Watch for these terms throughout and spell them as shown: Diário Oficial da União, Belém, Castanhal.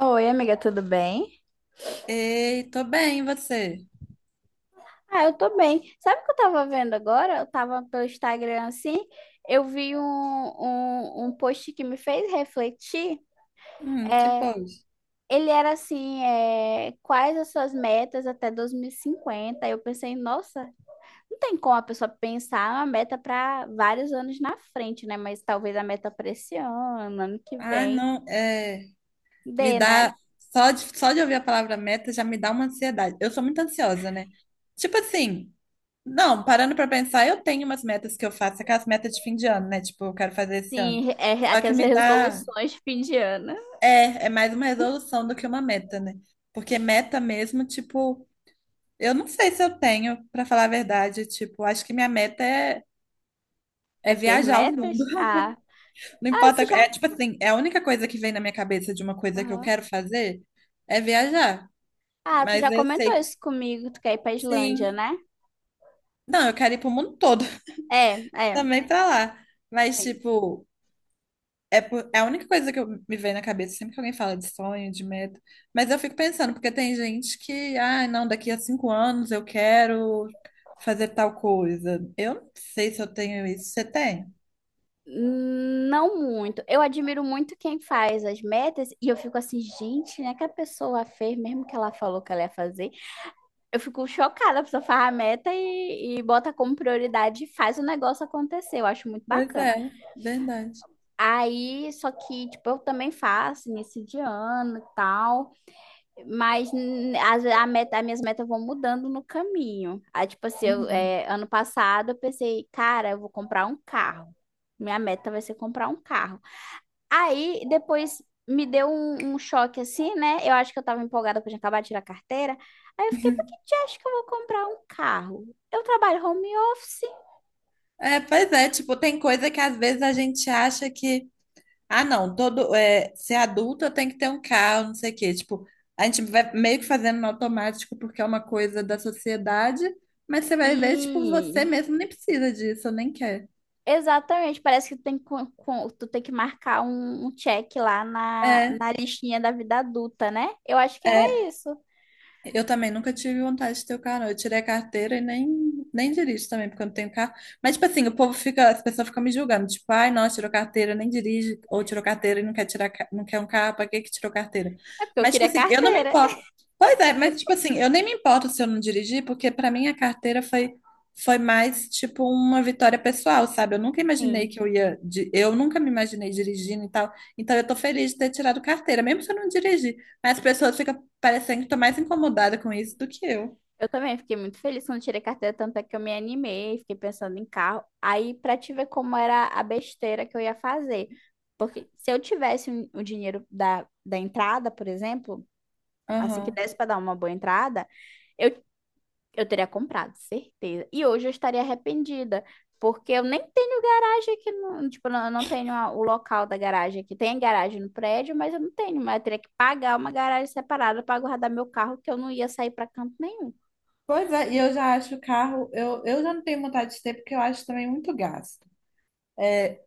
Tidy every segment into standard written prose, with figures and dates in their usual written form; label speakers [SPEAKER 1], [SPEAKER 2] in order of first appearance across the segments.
[SPEAKER 1] Oi, amiga, tudo bem?
[SPEAKER 2] Ei, tô bem, e você?
[SPEAKER 1] Ah, eu tô bem. Sabe o que eu tava vendo agora? Eu tava pelo Instagram assim, eu vi um post que me fez refletir.
[SPEAKER 2] Que pode.
[SPEAKER 1] Ele era assim, é, quais as suas metas até 2050? Aí eu pensei, nossa, não tem como a pessoa pensar uma meta para vários anos na frente, né? Mas talvez a meta para esse ano, ano que
[SPEAKER 2] Ah,
[SPEAKER 1] vem,
[SPEAKER 2] não, me
[SPEAKER 1] dê, né?
[SPEAKER 2] dá, só de ouvir a palavra meta já me dá uma ansiedade. Eu sou muito ansiosa, né? Tipo assim, não, parando pra pensar, eu tenho umas metas que eu faço, aquelas metas de fim de ano, né? Tipo, eu quero fazer esse ano.
[SPEAKER 1] Sim, é
[SPEAKER 2] Só que
[SPEAKER 1] aquelas resoluções de fim de ano.
[SPEAKER 2] é mais uma resolução do que uma meta, né? Porque meta mesmo, tipo, eu não sei se eu tenho, pra falar a verdade, tipo, acho que minha meta é,
[SPEAKER 1] É
[SPEAKER 2] é
[SPEAKER 1] ter
[SPEAKER 2] viajar o mundo.
[SPEAKER 1] metas? Ah,
[SPEAKER 2] Não
[SPEAKER 1] ah,
[SPEAKER 2] importa.
[SPEAKER 1] isso já.
[SPEAKER 2] É tipo assim, é a única coisa que vem na minha cabeça de uma coisa que eu
[SPEAKER 1] Aham.
[SPEAKER 2] quero fazer é viajar.
[SPEAKER 1] Ah, tu
[SPEAKER 2] Mas
[SPEAKER 1] já
[SPEAKER 2] eu
[SPEAKER 1] comentou
[SPEAKER 2] sei,
[SPEAKER 1] isso comigo, tu quer ir pra Islândia,
[SPEAKER 2] sim.
[SPEAKER 1] né?
[SPEAKER 2] Não, eu quero ir pro mundo todo,
[SPEAKER 1] É, é,
[SPEAKER 2] também pra lá. Mas,
[SPEAKER 1] sim.
[SPEAKER 2] tipo, é a única coisa que me vem na cabeça sempre que alguém fala de sonho, de meta. Mas eu fico pensando, porque tem gente que, ah, não, daqui a 5 anos eu quero fazer tal coisa. Eu não sei se eu tenho isso. Você tem?
[SPEAKER 1] Não muito. Eu admiro muito quem faz as metas e eu fico assim, gente, né, que a pessoa fez, mesmo que ela falou que ela ia fazer. Eu fico chocada, a pessoa faz a meta e bota como prioridade e faz o negócio acontecer. Eu acho muito
[SPEAKER 2] Pois
[SPEAKER 1] bacana.
[SPEAKER 2] é, verdade.
[SPEAKER 1] Aí, só que, tipo, eu também faço início de ano e tal. Mas a meta, as minhas metas vão mudando no caminho. Aí, tipo assim, eu,
[SPEAKER 2] Uhum.
[SPEAKER 1] é, ano passado eu pensei, cara, eu vou comprar um carro. Minha meta vai ser comprar um carro. Aí depois me deu um choque assim, né? Eu acho que eu tava empolgada porque eu tinha acabado de tirar a carteira. Aí eu fiquei, por que tu acha que eu vou comprar um carro? Eu trabalho home office.
[SPEAKER 2] É, pois é, tipo, tem coisa que às vezes a gente acha que, ah, não, ser adulto eu tenho que ter um carro, não sei o quê. Tipo, a gente vai meio que fazendo no automático porque é uma coisa da sociedade, mas você vai ver, tipo, você
[SPEAKER 1] Sim,
[SPEAKER 2] mesmo nem precisa disso, nem quer.
[SPEAKER 1] exatamente, parece que tem, tu tem que marcar um check lá na,
[SPEAKER 2] É,
[SPEAKER 1] na listinha da vida adulta, né? Eu acho que era
[SPEAKER 2] é,
[SPEAKER 1] isso.
[SPEAKER 2] eu também nunca tive vontade de ter o carro, não. Eu tirei a carteira e nem dirijo também, porque eu não tenho carro. Mas, tipo assim, as pessoas ficam me julgando, tipo, ai, nossa, tirou carteira, nem dirige, ou tirou carteira e não quer tirar, não quer um carro, pra que que tirou carteira?
[SPEAKER 1] É porque eu
[SPEAKER 2] Mas, tipo
[SPEAKER 1] queria
[SPEAKER 2] assim, eu não me
[SPEAKER 1] carteira.
[SPEAKER 2] importo. Pois é, mas, tipo assim, eu nem me importo se eu não dirigir, porque pra mim a carteira foi mais, tipo, uma vitória pessoal, sabe? Eu nunca imaginei
[SPEAKER 1] Sim.
[SPEAKER 2] que eu nunca me imaginei dirigindo e tal. Então, eu tô feliz de ter tirado carteira, mesmo se eu não dirigir. As pessoas ficam parecendo que tá mais incomodada com isso do que eu.
[SPEAKER 1] Eu também fiquei muito feliz quando tirei carteira, tanto é que eu me animei, fiquei pensando em carro. Aí, pra te ver como era a besteira que eu ia fazer. Porque se eu tivesse o dinheiro da entrada, por exemplo, assim que
[SPEAKER 2] Aham.
[SPEAKER 1] desse pra dar uma boa entrada, eu Eu teria comprado, certeza. E hoje eu estaria arrependida, porque eu nem tenho garagem aqui, no, tipo, eu não tenho o local da garagem aqui. Tem garagem no prédio, mas eu não tenho, mas eu teria que pagar uma garagem separada para guardar meu carro, que eu não ia sair para canto nenhum.
[SPEAKER 2] Pois é, e eu já acho o carro, eu já não tenho vontade de ter, porque eu acho também muito gasto. É,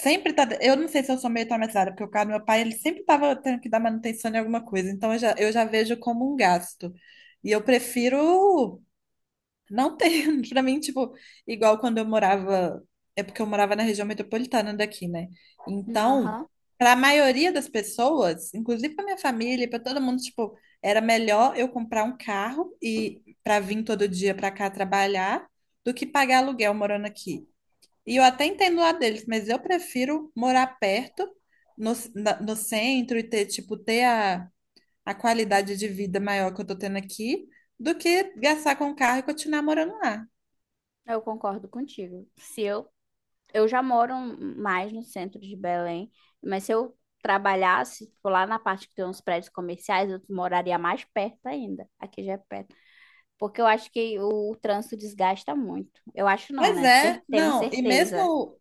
[SPEAKER 2] eu não sei se eu sou meio traumatizada, porque o carro do meu pai, ele sempre tava tendo que dar manutenção em alguma coisa, então eu já vejo como um gasto. E eu prefiro. Não tem. Pra mim, tipo, igual quando eu morava, é porque eu morava na região metropolitana daqui, né? Então,
[SPEAKER 1] Aham,
[SPEAKER 2] pra maioria das pessoas, inclusive pra minha família, e pra todo mundo, tipo, era melhor eu comprar um carro e pra vir todo dia pra cá trabalhar do que pagar aluguel morando aqui. E eu até entendo lá deles, mas eu prefiro morar perto, no centro e ter, tipo, ter a qualidade de vida maior que eu tô tendo aqui do que gastar com o carro e continuar morando lá.
[SPEAKER 1] eu concordo contigo. Se eu, eu já moro mais no centro de Belém, mas se eu trabalhasse, tipo, lá na parte que tem uns prédios comerciais, eu moraria mais perto ainda. Aqui já é perto. Porque eu acho que o trânsito desgasta muito. Eu acho não,
[SPEAKER 2] Pois
[SPEAKER 1] né?
[SPEAKER 2] é,
[SPEAKER 1] Temos
[SPEAKER 2] não, e
[SPEAKER 1] certeza.
[SPEAKER 2] mesmo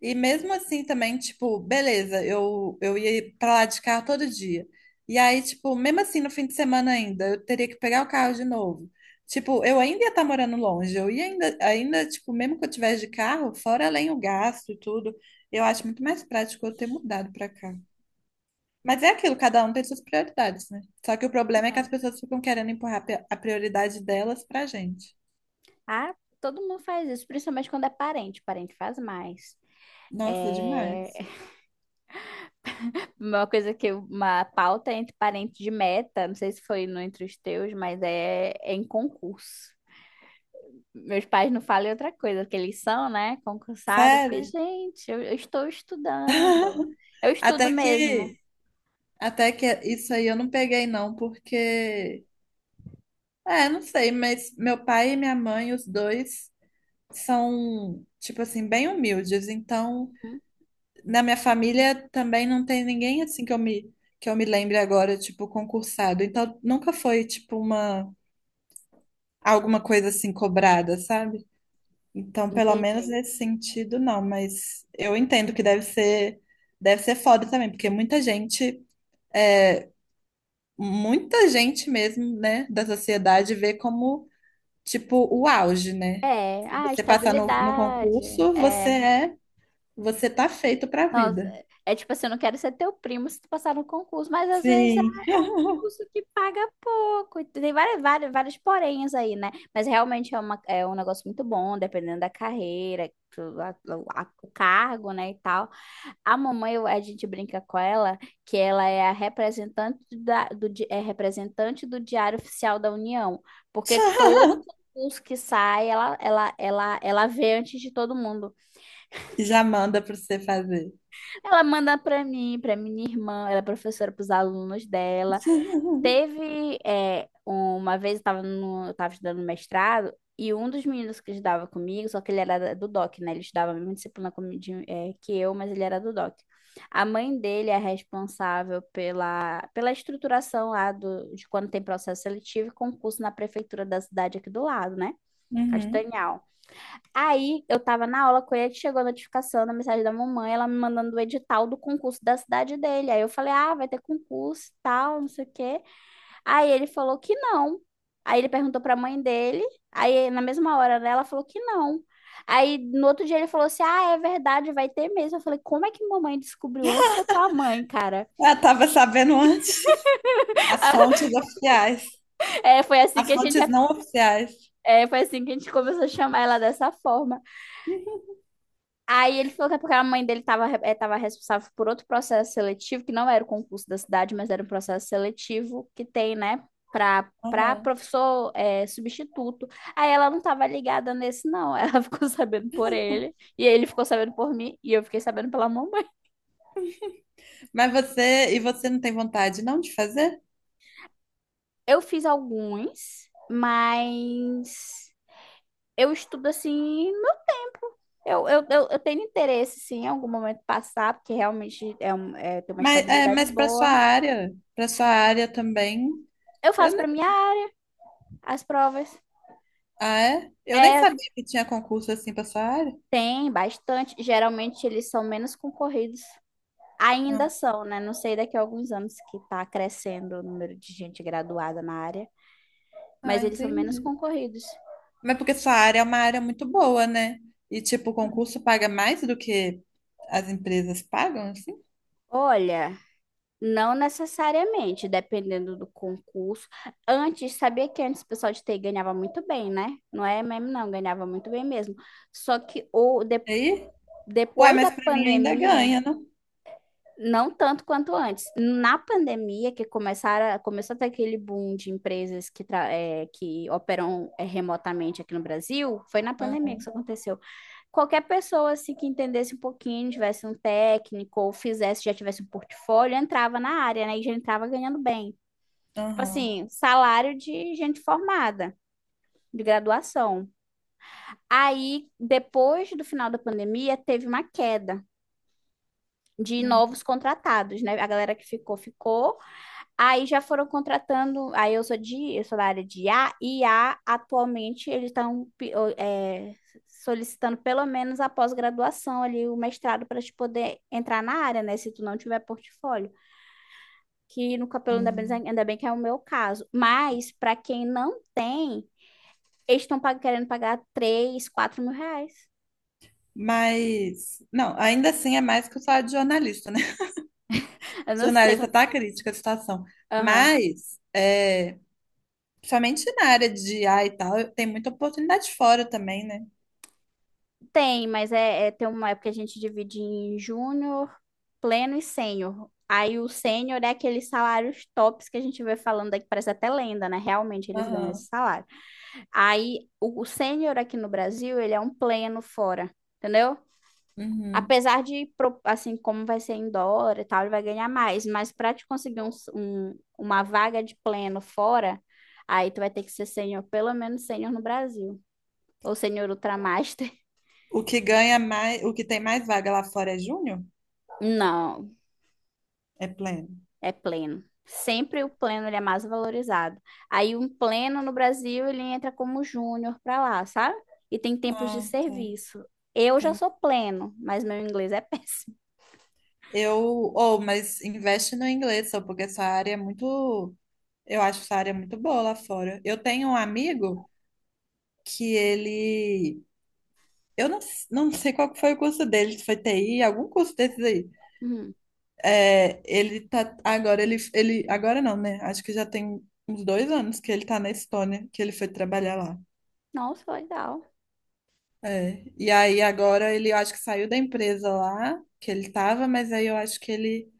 [SPEAKER 2] e mesmo assim também, tipo, beleza, eu ia pra lá de carro todo dia. E aí, tipo, mesmo assim no fim de semana ainda, eu teria que pegar o carro de novo. Tipo, eu ainda ia estar morando longe, eu ia ainda, tipo, mesmo que eu tivesse de carro, fora além o gasto e tudo, eu acho muito mais prático eu ter mudado pra cá. Mas é aquilo, cada um tem suas prioridades, né? Só que o problema é que as pessoas ficam querendo empurrar a prioridade delas pra gente.
[SPEAKER 1] Ah, todo mundo faz isso, principalmente quando é parente. Parente faz mais.
[SPEAKER 2] Nossa,
[SPEAKER 1] É
[SPEAKER 2] demais.
[SPEAKER 1] uma coisa que uma pauta entre parentes de meta, não sei se foi no entre os teus, mas é, é em concurso. Meus pais não falam outra coisa, porque eles são, né, concursados. Eu fiquei,
[SPEAKER 2] Sério?
[SPEAKER 1] gente, eu estou estudando. Eu
[SPEAKER 2] Até
[SPEAKER 1] estudo mesmo.
[SPEAKER 2] que, até que isso aí eu não peguei não, porque, não sei, mas meu pai e minha mãe, os dois, são, tipo assim, bem humildes. Então,
[SPEAKER 1] Hum,
[SPEAKER 2] na minha família também não tem ninguém assim que eu me lembre agora, tipo, concursado. Então, nunca foi, tipo, alguma coisa assim cobrada, sabe? Então, pelo menos
[SPEAKER 1] entendi.
[SPEAKER 2] nesse sentido, não, mas eu entendo que deve ser foda também, porque é, muita gente mesmo, né, da sociedade vê como, tipo, o auge, né?
[SPEAKER 1] É,
[SPEAKER 2] Se
[SPEAKER 1] ah,
[SPEAKER 2] você passar no
[SPEAKER 1] estabilidade.
[SPEAKER 2] concurso,
[SPEAKER 1] É.
[SPEAKER 2] você tá feito pra
[SPEAKER 1] Nossa,
[SPEAKER 2] vida.
[SPEAKER 1] é é tipo assim, eu não quero ser teu primo se tu passar no concurso, mas às vezes
[SPEAKER 2] Sim.
[SPEAKER 1] é um concurso que paga pouco. E tem várias porenhas aí, né? Mas realmente é um negócio muito bom, dependendo da carreira, o cargo, né, e tal. A mamãe, a gente brinca com ela que ela é a representante é representante do Diário Oficial da União, porque todo concurso que sai, ela vê antes de todo mundo.
[SPEAKER 2] Já manda pra você fazer.
[SPEAKER 1] Ela manda para mim, para minha irmã, ela é professora para os alunos dela. Teve é, uma vez eu estava no, eu tava estudando mestrado e um dos meninos que estudava comigo, só que ele era do DOC, né? Ele estudava a mesma disciplina que eu, mas ele era do DOC. A mãe dele é responsável pela estruturação lá de quando tem processo seletivo e concurso na prefeitura da cidade aqui do lado, né?
[SPEAKER 2] Uhum.
[SPEAKER 1] Castanhal. Aí eu tava na aula com ele, chegou a notificação da mensagem da mamãe, ela me mandando o edital do concurso da cidade dele. Aí eu falei, ah, vai ter concurso e tal, não sei o quê. Aí ele falou que não. Aí ele perguntou pra mãe dele, aí na mesma hora, né, ela falou que não. Aí no outro dia ele falou assim, ah, é verdade, vai ter mesmo. Eu falei, como é que mamãe descobriu antes da tua mãe, cara?
[SPEAKER 2] Eu tava sabendo antes. As fontes oficiais.
[SPEAKER 1] É, foi assim
[SPEAKER 2] As
[SPEAKER 1] que a gente,
[SPEAKER 2] fontes não oficiais.
[SPEAKER 1] foi assim que a gente começou a chamar ela dessa forma. Aí ele falou que é porque a mãe dele estava responsável por outro processo seletivo, que não era o concurso da cidade, mas era um processo seletivo que tem, né, para
[SPEAKER 2] Uhum.
[SPEAKER 1] professor é, substituto. Aí ela não estava ligada nesse, não. Ela ficou sabendo por ele, e ele ficou sabendo por mim, e eu fiquei sabendo pela mamãe.
[SPEAKER 2] E você não tem vontade não de fazer?
[SPEAKER 1] Eu fiz alguns, mas eu estudo assim, Eu tenho interesse, sim, em algum momento passar, porque realmente é, tem uma
[SPEAKER 2] Mas, é,
[SPEAKER 1] estabilidade
[SPEAKER 2] mas para
[SPEAKER 1] boa.
[SPEAKER 2] sua área, para sua área também,
[SPEAKER 1] Eu
[SPEAKER 2] eu.
[SPEAKER 1] faço para mim, ah, as provas.
[SPEAKER 2] Ah, é? Eu nem
[SPEAKER 1] É,
[SPEAKER 2] sabia que tinha concurso assim pra sua área.
[SPEAKER 1] tem bastante. Geralmente eles são menos concorridos.
[SPEAKER 2] Ah,
[SPEAKER 1] Ainda são, né? Não sei daqui a alguns anos que está crescendo o número de gente graduada na área,
[SPEAKER 2] ah,
[SPEAKER 1] mas eles são menos
[SPEAKER 2] entendi.
[SPEAKER 1] concorridos.
[SPEAKER 2] Mas porque sua área é uma área muito boa, né? E tipo, o concurso paga mais do que as empresas pagam, assim?
[SPEAKER 1] Olha, não necessariamente, dependendo do concurso. Antes, sabia que antes o pessoal de TI ganhava muito bem, né? Não é mesmo, não, ganhava muito bem mesmo. Só que
[SPEAKER 2] E aí? Uai,
[SPEAKER 1] depois da
[SPEAKER 2] mas pra mim ainda
[SPEAKER 1] pandemia,
[SPEAKER 2] ganha, não?
[SPEAKER 1] não tanto quanto antes. Na pandemia, começou a ter aquele boom de empresas que, que operam remotamente aqui no Brasil, foi na pandemia que
[SPEAKER 2] Aham,
[SPEAKER 1] isso aconteceu. Qualquer pessoa assim, que entendesse um pouquinho, tivesse um técnico, ou fizesse, já tivesse um portfólio, entrava na área, né? E já entrava ganhando bem. Tipo
[SPEAKER 2] aham.
[SPEAKER 1] assim, salário de gente formada, de graduação. Aí, depois do final da pandemia, teve uma queda de
[SPEAKER 2] Uhum.
[SPEAKER 1] novos contratados, né? A galera que ficou, ficou. Aí já foram contratando. Aí eu sou eu sou da área de IA, e IA atualmente eles estão solicitando pelo menos a pós-graduação ali, o mestrado, para te poder entrar na área, né? Se tu não tiver portfólio. Que no cabelo
[SPEAKER 2] Hum.
[SPEAKER 1] ainda bem que é o meu caso. Mas para quem não tem, eles estão querendo pagar 3, 4 mil reais.
[SPEAKER 2] Mas, não, ainda assim é mais que o salário de jornalista, né?
[SPEAKER 1] Eu não sei.
[SPEAKER 2] Jornalista tá crítica a situação.
[SPEAKER 1] Aham.
[SPEAKER 2] Mas, principalmente na área de IA e tal, tem muita oportunidade fora também, né?
[SPEAKER 1] Tem, mas tem uma época que a gente divide em júnior, pleno e sênior. Aí o sênior é aqueles salários tops que a gente vê falando aqui, parece até lenda, né? Realmente eles ganham esse
[SPEAKER 2] Aham.
[SPEAKER 1] salário. Aí o sênior aqui no Brasil, ele é um pleno fora, entendeu?
[SPEAKER 2] Uhum.
[SPEAKER 1] Apesar de, assim, como vai ser em dólar e tal, ele vai ganhar mais. Mas para te conseguir uma vaga de pleno fora, aí tu vai ter que ser sênior, pelo menos sênior no Brasil. Ou sênior ultramaster.
[SPEAKER 2] O que ganha mais, o que tem mais vaga lá fora é júnior?
[SPEAKER 1] Não,
[SPEAKER 2] É pleno.
[SPEAKER 1] é pleno. Sempre o pleno ele é mais valorizado. Aí um pleno no Brasil ele entra como júnior para lá, sabe? E tem tempos de
[SPEAKER 2] Ah, tá.
[SPEAKER 1] serviço. Eu já
[SPEAKER 2] Tem.
[SPEAKER 1] sou pleno, mas meu inglês é péssimo.
[SPEAKER 2] Eu, mas investe no inglês, só porque essa área é muito, eu acho essa área muito boa lá fora. Eu tenho um amigo. Que ele, eu não, s- não sei qual que foi o curso dele, se foi TI, algum curso desses aí.
[SPEAKER 1] Hum.
[SPEAKER 2] É, ele tá, agora ele, ele, agora não, né? Acho que já tem uns 2 anos que ele tá na Estônia, que ele foi trabalhar lá.
[SPEAKER 1] Nossa, legal.
[SPEAKER 2] É. E aí agora ele eu acho que saiu da empresa lá que ele tava, mas aí eu acho que ele,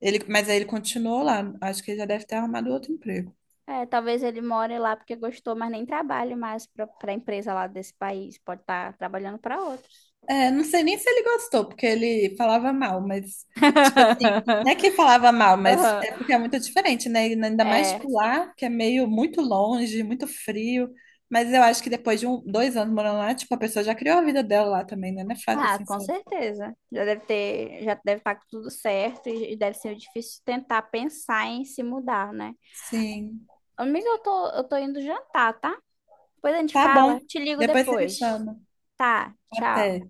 [SPEAKER 2] ele, mas aí ele continuou lá. Acho que ele já deve ter arrumado outro emprego.
[SPEAKER 1] É, talvez ele more lá porque gostou, mas nem trabalhe mais para a empresa lá desse país. Pode estar trabalhando para outra.
[SPEAKER 2] É, não sei nem se ele gostou, porque ele falava mal, mas tipo assim, não é que falava mal, mas
[SPEAKER 1] Aham.
[SPEAKER 2] é porque é muito diferente, né? E ainda mais
[SPEAKER 1] É.
[SPEAKER 2] tipo lá, que é meio muito longe, muito frio. Mas eu acho que depois de um, 2 anos morando lá, tipo, a pessoa já criou a vida dela lá também, né? Não é fácil
[SPEAKER 1] Ah,
[SPEAKER 2] assim,
[SPEAKER 1] com
[SPEAKER 2] sabe?
[SPEAKER 1] certeza. Já deve ter, já deve estar tudo certo e deve ser difícil tentar pensar em se mudar, né?
[SPEAKER 2] Sim.
[SPEAKER 1] Amiga, eu tô indo jantar, tá? Depois a gente
[SPEAKER 2] Tá bom.
[SPEAKER 1] fala. Te ligo
[SPEAKER 2] Depois você me
[SPEAKER 1] depois.
[SPEAKER 2] chama.
[SPEAKER 1] Tá, tchau.
[SPEAKER 2] Até.